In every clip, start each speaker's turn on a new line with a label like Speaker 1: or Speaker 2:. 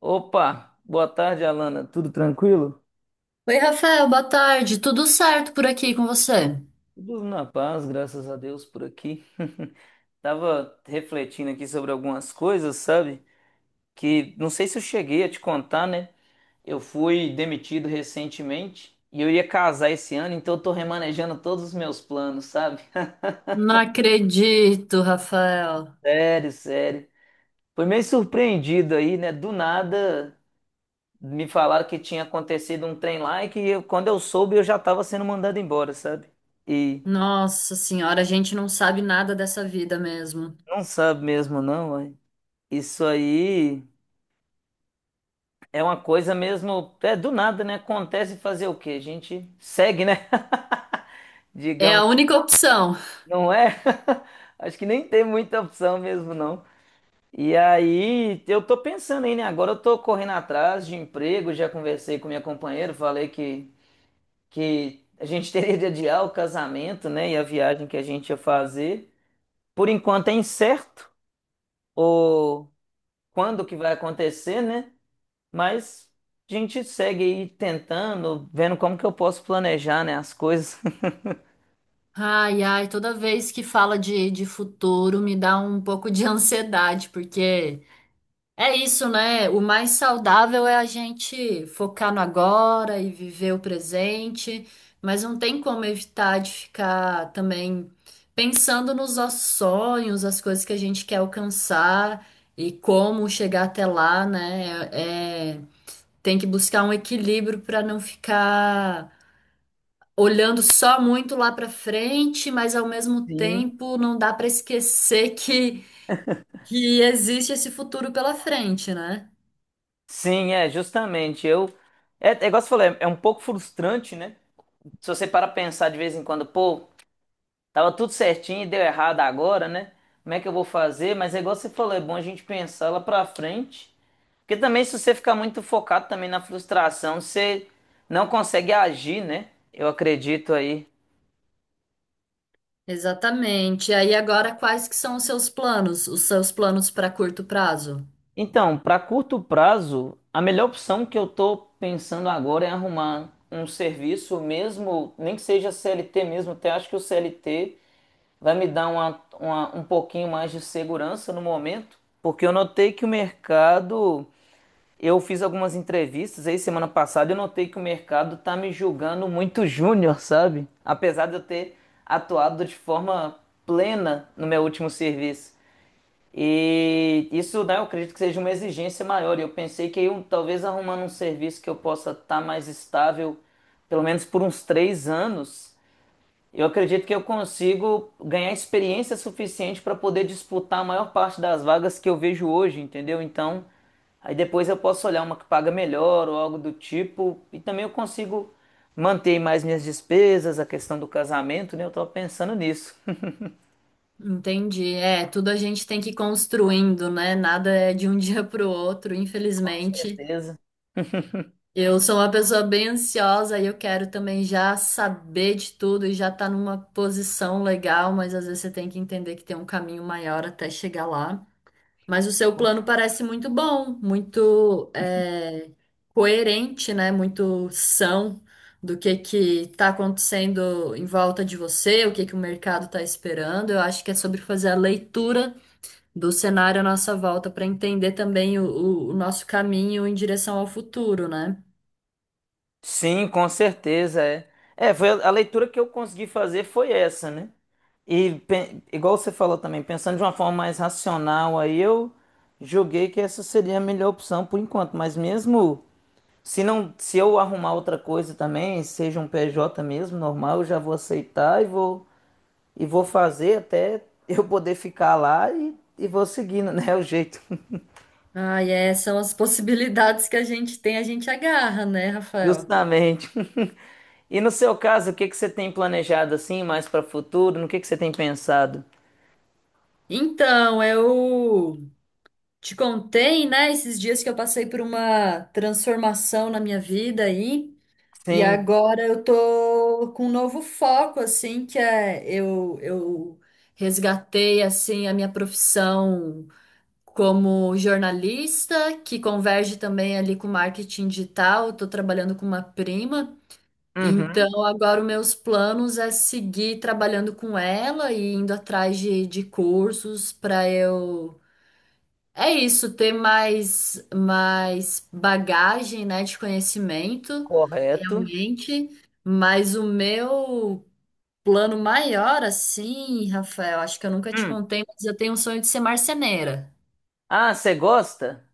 Speaker 1: Opa, boa tarde, Alana. Tudo tranquilo?
Speaker 2: Oi, Rafael, boa tarde. Tudo certo por aqui com você?
Speaker 1: Tudo na paz, graças a Deus por aqui. Tava refletindo aqui sobre algumas coisas, sabe? Que não sei se eu cheguei a te contar, né? Eu fui demitido recentemente e eu ia casar esse ano, então eu tô remanejando todos os meus planos, sabe?
Speaker 2: Não acredito, Rafael.
Speaker 1: Sério, sério. Foi meio surpreendido aí, né? Do nada me falaram que tinha acontecido um trem lá e que quando eu soube eu já tava sendo mandado embora, sabe? E.
Speaker 2: Nossa senhora, a gente não sabe nada dessa vida mesmo.
Speaker 1: Não sabe mesmo, não, ué. Isso aí é uma coisa mesmo. É do nada, né? Acontece fazer o quê? A gente segue, né?
Speaker 2: É
Speaker 1: Digamos,
Speaker 2: a única opção.
Speaker 1: não é? Acho que nem tem muita opção mesmo, não. E aí, eu tô pensando aí, né? Agora eu tô correndo atrás de emprego, já conversei com minha companheira, falei que a gente teria de adiar o casamento, né? E a viagem que a gente ia fazer. Por enquanto é incerto o quando que vai acontecer, né? Mas a gente segue aí tentando, vendo como que eu posso planejar, né, as coisas.
Speaker 2: Ai, ai, toda vez que fala de futuro me dá um pouco de ansiedade, porque é isso, né? O mais saudável é a gente focar no agora e viver o presente, mas não tem como evitar de ficar também pensando nos nossos sonhos, as coisas que a gente quer alcançar e como chegar até lá, né? É, tem que buscar um equilíbrio para não ficar olhando só muito lá para frente, mas ao mesmo
Speaker 1: Sim.
Speaker 2: tempo não dá para esquecer que existe esse futuro pela frente, né?
Speaker 1: Sim, é, justamente. Eu. É igual você falou, é um pouco frustrante, né? Se você para pensar de vez em quando, pô, tava tudo certinho e deu errado agora, né? Como é que eu vou fazer? Mas é igual você falou, é bom a gente pensar lá pra frente. Porque também, se você ficar muito focado também na frustração, você não consegue agir, né? Eu acredito aí.
Speaker 2: Exatamente. E aí agora quais que são os seus planos? Os seus planos para curto prazo?
Speaker 1: Então, para curto prazo, a melhor opção que eu estou pensando agora é arrumar um serviço mesmo, nem que seja CLT mesmo, até acho que o CLT vai me dar uma, um pouquinho mais de segurança no momento, porque eu notei que o mercado, eu fiz algumas entrevistas aí semana passada, eu notei que o mercado tá me julgando muito júnior, sabe? Apesar de eu ter atuado de forma plena no meu último serviço. E isso, né, eu acredito que seja uma exigência maior. E eu pensei que eu, talvez arrumando um serviço que eu possa estar mais estável, pelo menos por uns 3 anos, eu acredito que eu consigo ganhar experiência suficiente para poder disputar a maior parte das vagas que eu vejo hoje, entendeu? Então, aí depois eu posso olhar uma que paga melhor ou algo do tipo. E também eu consigo manter mais minhas despesas, a questão do casamento, né? Eu estava pensando nisso.
Speaker 2: Entendi. É, tudo a gente tem que ir construindo, né? Nada é de um dia para o outro,
Speaker 1: Com
Speaker 2: infelizmente.
Speaker 1: certeza.
Speaker 2: Eu sou uma pessoa bem ansiosa e eu quero também já saber de tudo e já estar numa posição legal, mas às vezes você tem que entender que tem um caminho maior até chegar lá. Mas o seu plano parece muito bom, muito é, coerente, né? Muito são do que está acontecendo em volta de você, o que que o mercado está esperando. Eu acho que é sobre fazer a leitura do cenário à nossa volta para entender também o nosso caminho em direção ao futuro, né?
Speaker 1: Sim, com certeza é. É, foi a leitura que eu consegui fazer foi essa, né? E igual você falou também, pensando de uma forma mais racional, aí eu julguei que essa seria a melhor opção por enquanto, mas mesmo se não, se eu arrumar outra coisa também, seja um PJ mesmo, normal, eu já vou aceitar e vou fazer até eu poder ficar lá e vou seguindo, né, o jeito.
Speaker 2: Ah, e é, são as possibilidades que a gente tem, a gente agarra, né, Rafael?
Speaker 1: Justamente. E no seu caso, o que que você tem planejado assim, mais para o futuro? No que você tem pensado?
Speaker 2: Então, eu te contei, né, esses dias que eu passei por uma transformação na minha vida aí, e
Speaker 1: Sim.
Speaker 2: agora eu tô com um novo foco, assim, que é eu resgatei, assim, a minha profissão como jornalista, que converge também ali com marketing digital, eu tô trabalhando com uma prima,
Speaker 1: Uhum.
Speaker 2: então agora os meus planos é seguir trabalhando com ela e indo atrás de cursos para eu é isso, ter mais, mais bagagem, né, de conhecimento,
Speaker 1: Correto.
Speaker 2: realmente. Mas o meu plano maior, assim, Rafael, acho que eu nunca te
Speaker 1: Hum.
Speaker 2: contei, mas eu tenho um sonho de ser marceneira.
Speaker 1: Ah, você gosta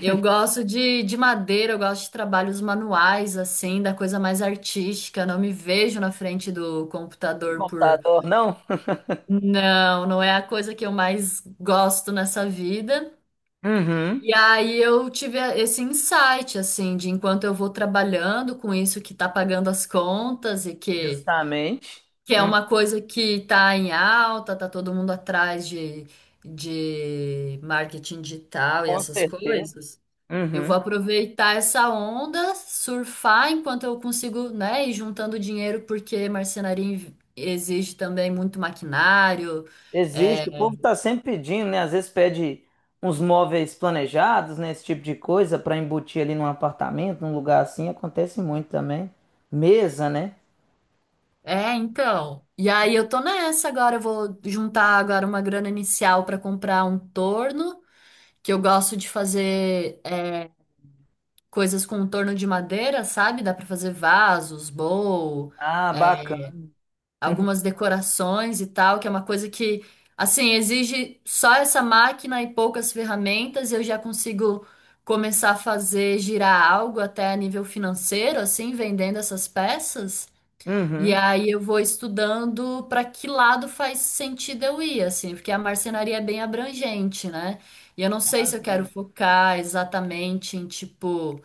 Speaker 2: Eu gosto de madeira, eu gosto de trabalhos manuais, assim, da coisa mais artística. Não me vejo na frente do
Speaker 1: do
Speaker 2: computador por.
Speaker 1: computador, não?
Speaker 2: Não, não é a coisa que eu mais gosto nessa vida. E
Speaker 1: Uhum.
Speaker 2: aí eu tive esse insight, assim, de enquanto eu vou trabalhando com isso que tá pagando as contas e
Speaker 1: Justamente.
Speaker 2: que é
Speaker 1: Hum,
Speaker 2: uma coisa que tá em alta, tá todo mundo atrás de marketing digital e
Speaker 1: Com
Speaker 2: essas
Speaker 1: certeza.
Speaker 2: coisas, eu vou
Speaker 1: Uhum.
Speaker 2: aproveitar essa onda, surfar enquanto eu consigo, né, ir juntando dinheiro, porque marcenaria exige também muito maquinário,
Speaker 1: Existe. O
Speaker 2: é,
Speaker 1: povo está sempre pedindo, né? Às vezes pede uns móveis planejados, né? Esse tipo de coisa para embutir ali num apartamento, num lugar assim. Acontece muito também. Mesa, né?
Speaker 2: é, então. E aí eu tô nessa agora, eu vou juntar agora uma grana inicial pra comprar um torno, que eu gosto de fazer é, coisas com um torno de madeira, sabe? Dá pra fazer vasos, bowl,
Speaker 1: Ah,
Speaker 2: é,
Speaker 1: bacana.
Speaker 2: algumas decorações e tal, que é uma coisa que, assim, exige só essa máquina e poucas ferramentas, e eu já consigo começar a fazer girar algo até a nível financeiro, assim, vendendo essas peças. E
Speaker 1: Uhum.
Speaker 2: aí eu vou estudando para que lado faz sentido eu ir, assim, porque a marcenaria é bem abrangente, né? E eu não
Speaker 1: Com
Speaker 2: sei se eu quero
Speaker 1: razão.
Speaker 2: focar exatamente em tipo,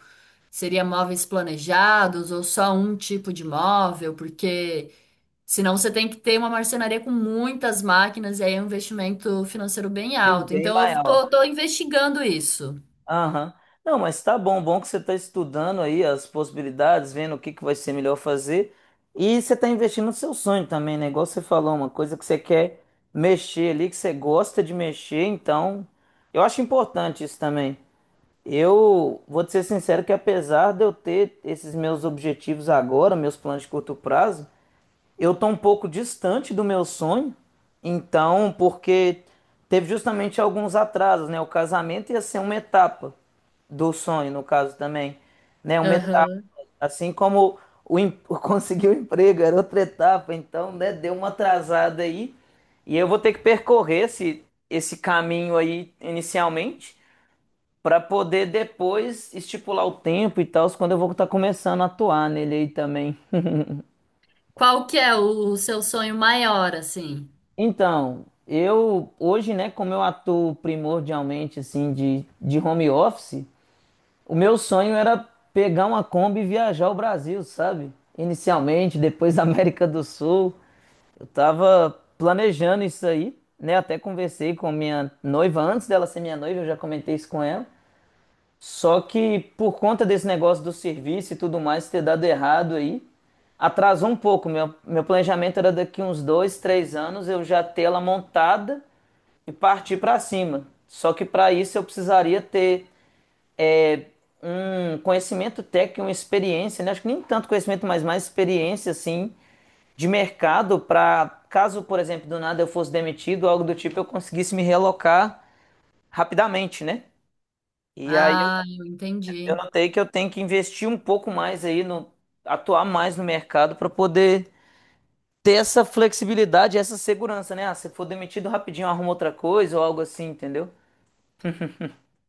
Speaker 2: seria móveis planejados ou só um tipo de móvel, porque senão você tem que ter uma marcenaria com muitas máquinas e aí é um investimento financeiro bem
Speaker 1: Sim,
Speaker 2: alto.
Speaker 1: bem
Speaker 2: Então eu tô,
Speaker 1: maior.
Speaker 2: tô investigando isso.
Speaker 1: Aham. Não, mas tá bom, bom que você está estudando aí as possibilidades, vendo o que que vai ser melhor fazer. E você está investindo no seu sonho também, né? Igual você falou, uma coisa que você quer mexer ali, que você gosta de mexer, então eu acho importante isso também. Eu vou te ser sincero que apesar de eu ter esses meus objetivos agora, meus planos de curto prazo, eu tô um pouco distante do meu sonho, então, porque teve justamente alguns atrasos, né? O casamento ia ser uma etapa do sonho, no caso também, né? Uma etapa,
Speaker 2: Aham.
Speaker 1: assim como o em- conseguir o emprego era outra etapa, então, né? Deu uma atrasada aí e eu vou ter que percorrer esse caminho aí inicialmente para poder depois estipular o tempo e tal, quando eu vou estar começando a atuar nele aí também.
Speaker 2: Qual que é o seu sonho maior, assim?
Speaker 1: Então, eu hoje, né, como eu atuo primordialmente assim de home office, o meu sonho era pegar uma Kombi e viajar o Brasil, sabe? Inicialmente, depois da América do Sul. Eu tava planejando isso aí, né? Até conversei com minha noiva antes dela ser minha noiva, eu já comentei isso com ela. Só que por conta desse negócio do serviço e tudo mais ter dado errado aí, atrasou um pouco. Meu planejamento era daqui uns 2, 3 anos eu já ter ela montada e partir para cima. Só que para isso eu precisaria ter é, um conhecimento técnico, uma experiência, né? Acho que nem tanto conhecimento, mas mais experiência, assim, de mercado para caso, por exemplo, do nada eu fosse demitido, algo do tipo, eu conseguisse me realocar rapidamente, né? E aí eu,
Speaker 2: Ah, eu
Speaker 1: eu
Speaker 2: entendi.
Speaker 1: notei que eu tenho que investir um pouco mais aí no, atuar mais no mercado para poder ter essa flexibilidade, essa segurança, né? Ah, se for demitido rapidinho, arruma outra coisa ou algo assim, entendeu?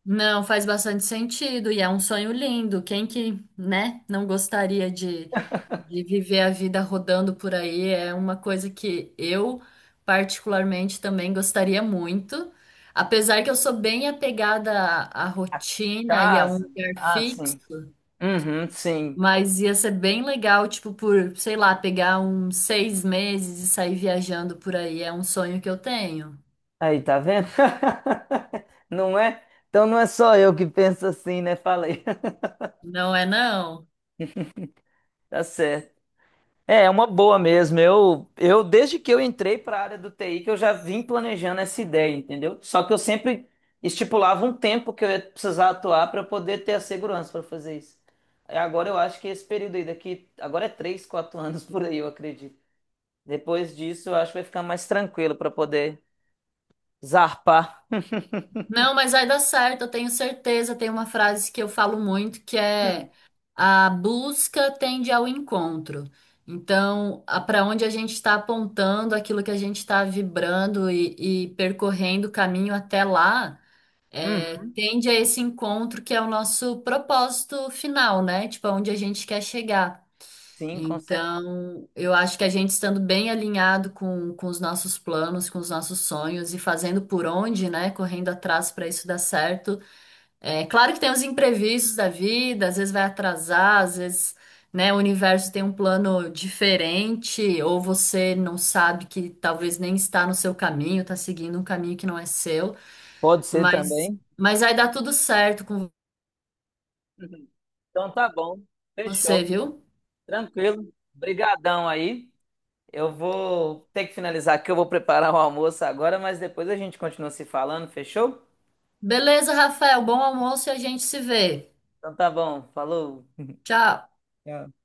Speaker 2: Não, faz bastante sentido e é um sonho lindo. Quem que, né, não gostaria de viver a vida rodando por aí? É uma coisa que eu particularmente também gostaria muito. Apesar que eu sou bem apegada à rotina e a um
Speaker 1: Casa.
Speaker 2: lugar
Speaker 1: Ah,
Speaker 2: fixo,
Speaker 1: sim. Uhum, sim.
Speaker 2: mas ia ser bem legal, tipo, por, sei lá, pegar uns seis meses e sair viajando por aí. É um sonho que eu tenho.
Speaker 1: Aí, tá vendo? Não é? Então não é só eu que penso assim, né? Falei.
Speaker 2: Não é não?
Speaker 1: Tá certo. É uma boa mesmo. Eu desde que eu entrei para a área do TI que eu já vim planejando essa ideia, entendeu? Só que eu sempre estipulava um tempo que eu ia precisar atuar para poder ter a segurança para fazer isso. E agora eu acho que esse período aí daqui, agora é 3, 4 anos por aí, eu acredito. Depois disso, eu acho que vai ficar mais tranquilo para poder zarpar.
Speaker 2: Não, mas vai dar certo, eu tenho certeza. Tem uma frase que eu falo muito que é a busca tende ao encontro. Então, para onde a gente está apontando, aquilo que a gente está vibrando e percorrendo o caminho até lá, é,
Speaker 1: Uhum.
Speaker 2: tende a esse encontro que é o nosso propósito final, né? Tipo, aonde a gente quer chegar.
Speaker 1: Sim, com certeza.
Speaker 2: Então, eu acho que a gente estando bem alinhado com os nossos planos, com os nossos sonhos e fazendo por onde, né? Correndo atrás para isso dar certo. É claro que tem os imprevistos da vida, às vezes vai atrasar, às vezes, né, o universo tem um plano diferente, ou você não sabe que talvez nem está no seu caminho, está seguindo um caminho que não é seu,
Speaker 1: Pode ser
Speaker 2: mas,
Speaker 1: também.
Speaker 2: mas vai dar tudo certo com
Speaker 1: Uhum. Então tá bom,
Speaker 2: você,
Speaker 1: fechou,
Speaker 2: viu?
Speaker 1: tranquilo. Brigadão aí. Eu vou ter que finalizar aqui, eu vou preparar o almoço agora, mas depois a gente continua se falando, fechou?
Speaker 2: Beleza, Rafael, bom almoço e a gente se vê.
Speaker 1: Então tá bom, falou.
Speaker 2: Tchau.
Speaker 1: Tchau.